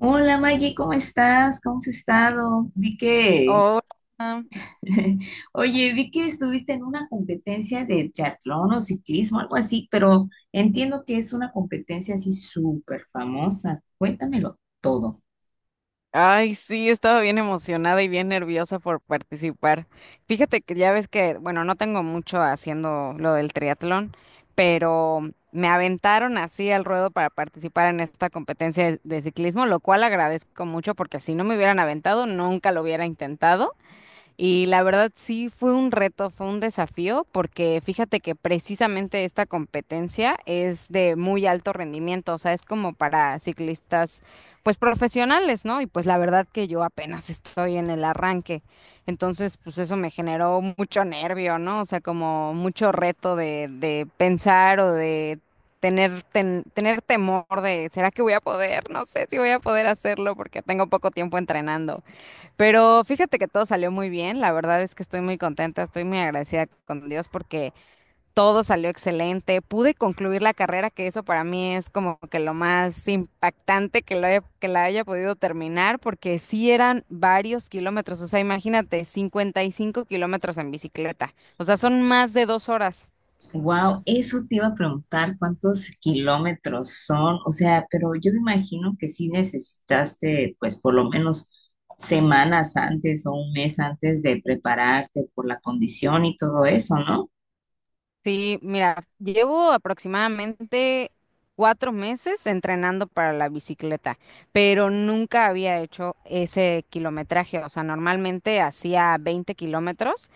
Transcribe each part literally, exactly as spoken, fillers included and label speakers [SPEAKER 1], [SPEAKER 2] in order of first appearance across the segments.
[SPEAKER 1] Hola, Maggie, ¿cómo estás? ¿Cómo has estado? Vi que...
[SPEAKER 2] Hola.
[SPEAKER 1] oye, vi que estuviste en una competencia de triatlón o ciclismo, algo así, pero entiendo que es una competencia así súper famosa. Cuéntamelo todo.
[SPEAKER 2] Ay, sí, estaba bien emocionada y bien nerviosa por participar. Fíjate que ya ves que, bueno, no tengo mucho haciendo lo del triatlón, pero me aventaron así al ruedo para participar en esta competencia de de ciclismo, lo cual agradezco mucho porque si no me hubieran aventado, nunca lo hubiera intentado. Y la verdad sí fue un reto, fue un desafío, porque fíjate que precisamente esta competencia es de muy alto rendimiento, o sea, es como para ciclistas pues profesionales, ¿no? Y pues la verdad que yo apenas estoy en el arranque, entonces pues eso me generó mucho nervio, ¿no? O sea, como mucho reto de, de pensar o de tener, ten- tener temor de, ¿será que voy a poder? No sé si voy a poder hacerlo porque tengo poco tiempo entrenando. Pero fíjate que todo salió muy bien, la verdad es que estoy muy contenta, estoy muy agradecida con Dios porque todo salió excelente, pude concluir la carrera, que eso para mí es como que lo más impactante que, lo haya- que la haya podido terminar, porque sí eran varios kilómetros, o sea, imagínate, cincuenta y cinco kilómetros en bicicleta, o sea, son más de dos horas.
[SPEAKER 1] Wow, eso te iba a preguntar, ¿cuántos kilómetros son? O sea, pero yo me imagino que sí necesitaste, pues, por lo menos semanas antes o un mes antes de prepararte por la condición y todo eso, ¿no?
[SPEAKER 2] Sí, mira, llevo aproximadamente cuatro meses entrenando para la bicicleta, pero nunca había hecho ese kilometraje. O sea, normalmente hacía veinte kilómetros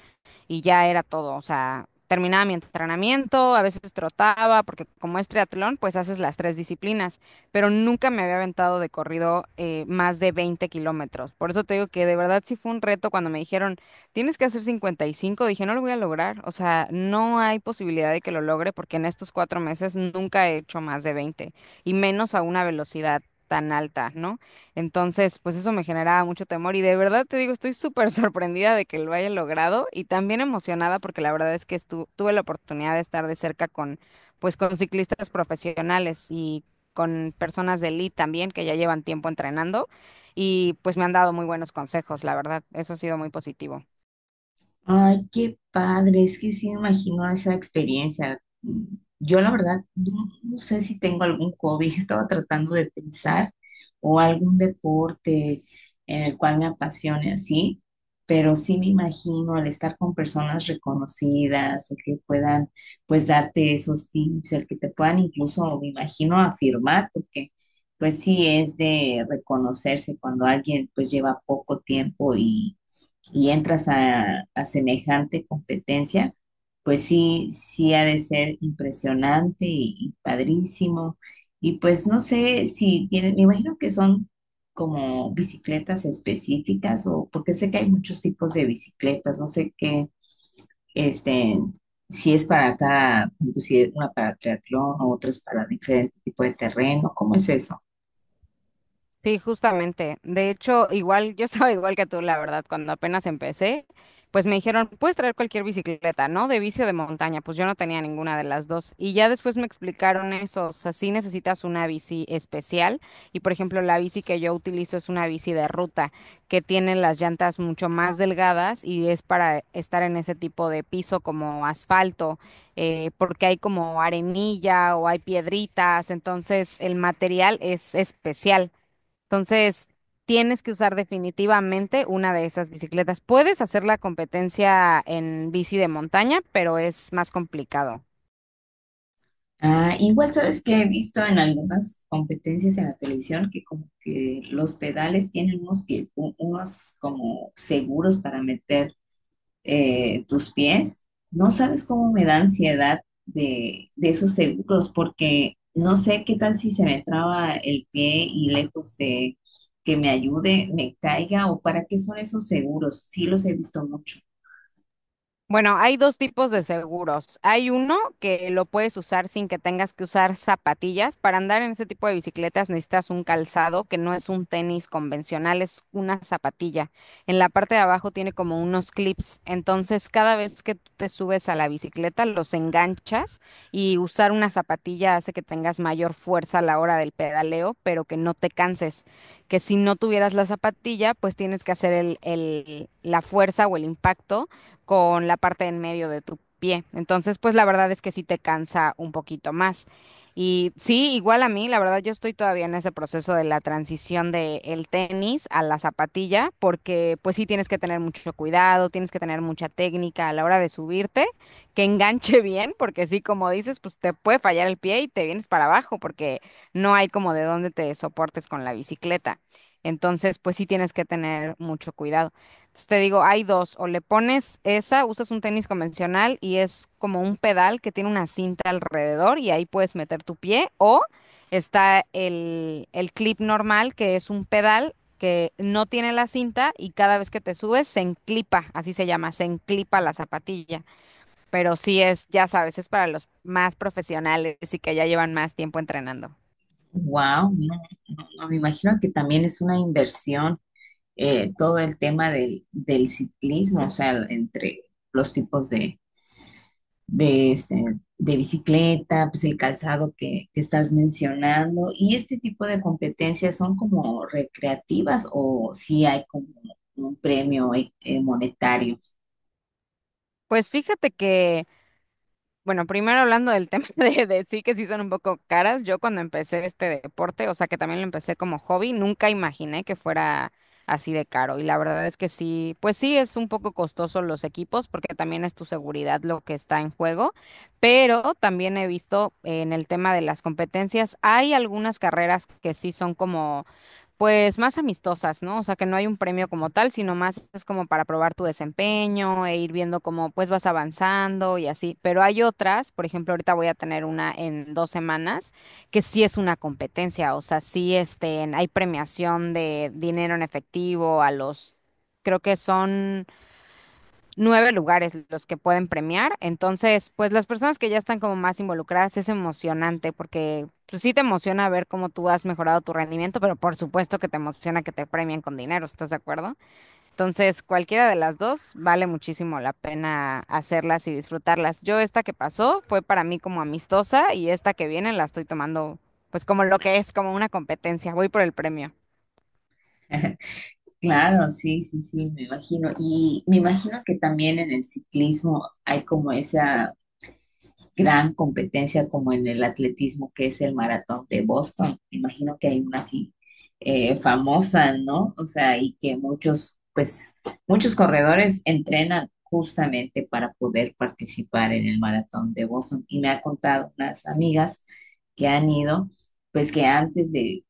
[SPEAKER 2] y ya era todo. O sea, terminaba mi entrenamiento, a veces trotaba, porque como es triatlón, pues haces las tres disciplinas, pero nunca me había aventado de corrido eh, más de veinte kilómetros. Por eso te digo que de verdad sí fue un reto cuando me dijeron, tienes que hacer cincuenta y cinco dije, no lo voy a lograr. O sea, no hay posibilidad de que lo logre porque en estos cuatro meses nunca he hecho más de veinte y menos a una velocidad tan alta, ¿no? Entonces, pues eso me generaba mucho temor y de verdad te digo, estoy súper sorprendida de que lo haya logrado y también emocionada porque la verdad es que estu- tuve la oportunidad de estar de cerca con, pues con ciclistas profesionales y con personas de elite también que ya llevan tiempo entrenando y pues me han dado muy buenos consejos, la verdad, eso ha sido muy positivo.
[SPEAKER 1] Ay, qué padre, es que sí me imagino esa experiencia. Mm, yo la verdad no, no sé si tengo algún hobby. Estaba tratando de pensar o algún deporte en el cual me apasione así, pero sí me imagino, al estar con personas reconocidas, el que puedan pues darte esos tips, el que te puedan incluso, me imagino, afirmar, porque pues sí es de reconocerse cuando alguien pues lleva poco tiempo y entras a, a semejante competencia, pues sí, sí ha de ser impresionante y, y padrísimo. Y pues no sé si tienen, me imagino que son como bicicletas específicas, o porque sé que hay muchos tipos de bicicletas, no sé qué, este, si es para cada, si es una para triatlón o otra es para diferente tipo de terreno. ¿Cómo es eso?
[SPEAKER 2] Sí, justamente. De hecho, igual yo estaba igual que tú, la verdad, cuando apenas empecé, pues me dijeron, puedes traer cualquier bicicleta, ¿no? De vicio de montaña. Pues yo no tenía ninguna de las dos. Y ya después me explicaron eso, o sea, sí necesitas una bici especial. Y por ejemplo, la bici que yo utilizo es una bici de ruta, que tiene las llantas mucho más delgadas y es para estar en ese tipo de piso como asfalto eh, porque hay como arenilla o hay piedritas, entonces el material es especial. Entonces, tienes que usar definitivamente una de esas bicicletas. Puedes hacer la competencia en bici de montaña, pero es más complicado.
[SPEAKER 1] Ah, igual sabes que he visto en algunas competencias en la televisión que como que los pedales tienen unos pies, u- unos como seguros para meter, eh, tus pies. No sabes cómo me da ansiedad de, de esos seguros, porque no sé qué tal si se me traba el pie y lejos de que me ayude, me caiga. O ¿para qué son esos seguros? Sí los he visto mucho.
[SPEAKER 2] Bueno, hay dos tipos de seguros. Hay uno que lo puedes usar sin que tengas que usar zapatillas. Para andar en ese tipo de bicicletas necesitas un calzado que no es un tenis convencional, es una zapatilla. En la parte de abajo tiene como unos clips. Entonces, cada vez que tú te subes a la bicicleta, los enganchas y usar una zapatilla hace que tengas mayor fuerza a la hora del pedaleo, pero que no te canses. Que si no tuvieras la zapatilla, pues tienes que hacer el, el- la fuerza o el impacto con la parte en medio de tu pie. Entonces, pues la verdad es que sí te cansa un poquito más. Y sí, igual a mí, la verdad yo estoy todavía en ese proceso de la transición de el tenis a la zapatilla, porque pues sí tienes que tener mucho cuidado, tienes que tener mucha técnica a la hora de subirte, que enganche bien, porque sí, como dices, pues te puede fallar el pie y te vienes para abajo, porque no hay como de dónde te soportes con la bicicleta. Entonces, pues sí tienes que tener mucho cuidado. Entonces, Te digo, hay dos, o le pones esa, usas un tenis convencional y es como un pedal que tiene una cinta alrededor y ahí puedes meter tu pie, o está el, el clip normal que es un pedal que no tiene la cinta y cada vez que te subes se enclipa, así se llama, se enclipa la zapatilla, pero sí es, ya sabes, es para los más profesionales y que ya llevan más tiempo entrenando.
[SPEAKER 1] Wow, no, no, no, me imagino que también es una inversión. Eh, todo el tema del, del ciclismo, o sea, entre los tipos de, de, este, de bicicleta, pues el calzado que, que estás mencionando, y este tipo de competencias, ¿son como recreativas o si hay como un premio eh, eh, monetario?
[SPEAKER 2] Pues fíjate que. Bueno, primero hablando del tema de, de sí que sí son un poco caras, yo cuando empecé este deporte, o sea que también lo empecé como hobby, nunca imaginé que fuera así de caro y la verdad es que sí, pues sí es un poco costoso los equipos porque también es tu seguridad lo que está en juego, pero también he visto en el tema de las competencias, hay algunas carreras que sí son como pues más amistosas, ¿no? O sea, que no hay un premio como tal, sino más es como para probar tu desempeño e ir viendo cómo pues vas avanzando y así. Pero hay otras, por ejemplo, ahorita voy a tener una en dos semanas, que sí es una competencia, o sea, sí este, hay premiación de dinero en efectivo a los, creo que son nueve lugares los que pueden premiar. Entonces, pues las personas que ya están como más involucradas es emocionante porque pues, sí te emociona ver cómo tú has mejorado tu rendimiento, pero por supuesto que te emociona que te premien con dinero, ¿estás de acuerdo? Entonces, cualquiera de las dos vale muchísimo la pena hacerlas y disfrutarlas. Yo esta que pasó fue para mí como amistosa y esta que viene la estoy tomando pues como lo que es, como una competencia. Voy por el premio.
[SPEAKER 1] Claro, sí, sí, sí, me imagino. Y me imagino que también en el ciclismo hay como esa gran competencia como en el atletismo, que es el maratón de Boston. Imagino que hay una así eh, famosa, ¿no? O sea, y que muchos, pues, muchos corredores entrenan justamente para poder participar en el maratón de Boston. Y me ha contado unas amigas que han ido, pues, que antes de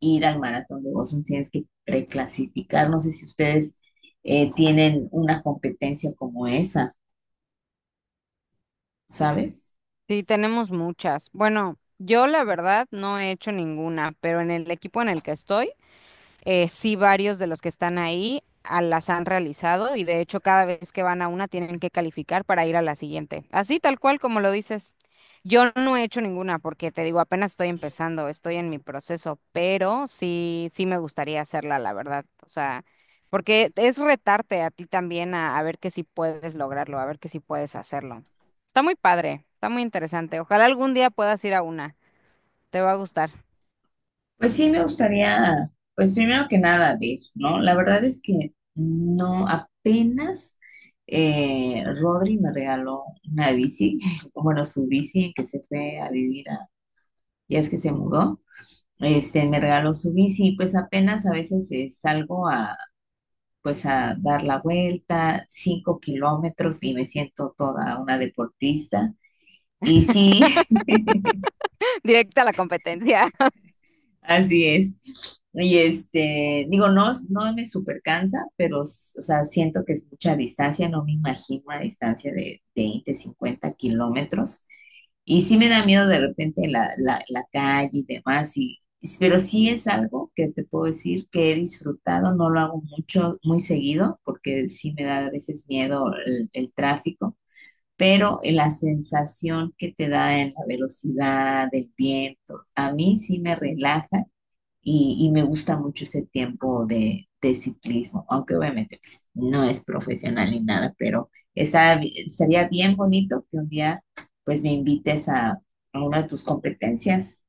[SPEAKER 1] ir al maratón de Boston tienes que preclasificar. No sé si ustedes eh, tienen una competencia como esa, ¿sabes?
[SPEAKER 2] Sí, tenemos muchas. Bueno, yo la verdad no he hecho ninguna, pero en el equipo en el que estoy, eh, sí, varios de los que están ahí a- las han realizado y de hecho cada vez que van a una tienen que calificar para ir a la siguiente. Así tal cual como lo dices. Yo no he hecho ninguna porque te digo, apenas estoy empezando, estoy en mi proceso, pero sí, sí me gustaría hacerla, la verdad. O sea, porque es retarte a ti también a, a ver que si puedes lograrlo, a ver que si puedes hacerlo. Está muy padre, está muy interesante. Ojalá algún día puedas ir a una. Te va a gustar.
[SPEAKER 1] Pues sí, me gustaría. Pues primero que nada, ver, ¿no? La verdad es que no, apenas eh, Rodri me regaló una bici. Bueno, su bici, que se fue a vivir, a- ya, es que se mudó, este, me regaló su bici. Pues apenas a veces eh, salgo a, pues a dar la vuelta, cinco kilómetros, y me siento toda una deportista. Y sí.
[SPEAKER 2] Directa a la competencia.
[SPEAKER 1] Así es. Y este, digo, no, no me super cansa, pero, s- o sea, siento que es mucha distancia. No me imagino una distancia de veinte, cincuenta kilómetros. Y sí me da miedo de repente la, la, la calle y demás, y, y- pero sí es algo que te puedo decir que he disfrutado. No lo hago mucho, muy seguido, porque sí me da a veces miedo el, el tráfico, pero la sensación que te da en la velocidad, del viento, a mí sí me relaja, y, y me gusta mucho ese tiempo de, de ciclismo, aunque obviamente pues no es profesional ni nada, pero está bi- sería bien bonito que un día pues me invites a, a una de tus competencias.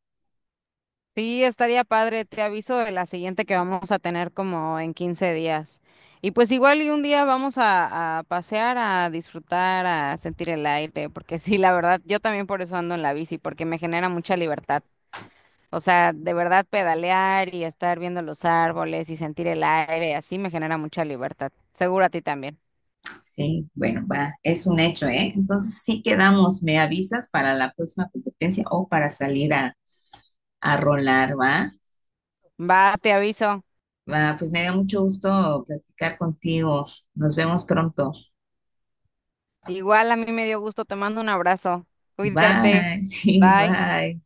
[SPEAKER 2] Sí, estaría padre, te aviso de la siguiente que vamos a tener como en quince días. Y pues igual y un día vamos a, a pasear, a disfrutar, a sentir el aire, porque sí, la verdad, yo también por eso ando en la bici, porque me genera mucha libertad. O sea, de verdad pedalear y estar viendo los árboles y sentir el aire, así me genera mucha libertad. Seguro a ti también.
[SPEAKER 1] Sí, bueno, va, es un hecho, ¿eh? Entonces sí quedamos, me avisas para la próxima competencia o para salir a, a rolar, ¿va?
[SPEAKER 2] Va, te aviso.
[SPEAKER 1] Va, pues me dio mucho gusto platicar contigo. Nos vemos pronto.
[SPEAKER 2] Igual a mí me dio gusto, te mando un abrazo. Cuídate.
[SPEAKER 1] Bye, sí,
[SPEAKER 2] Bye.
[SPEAKER 1] bye.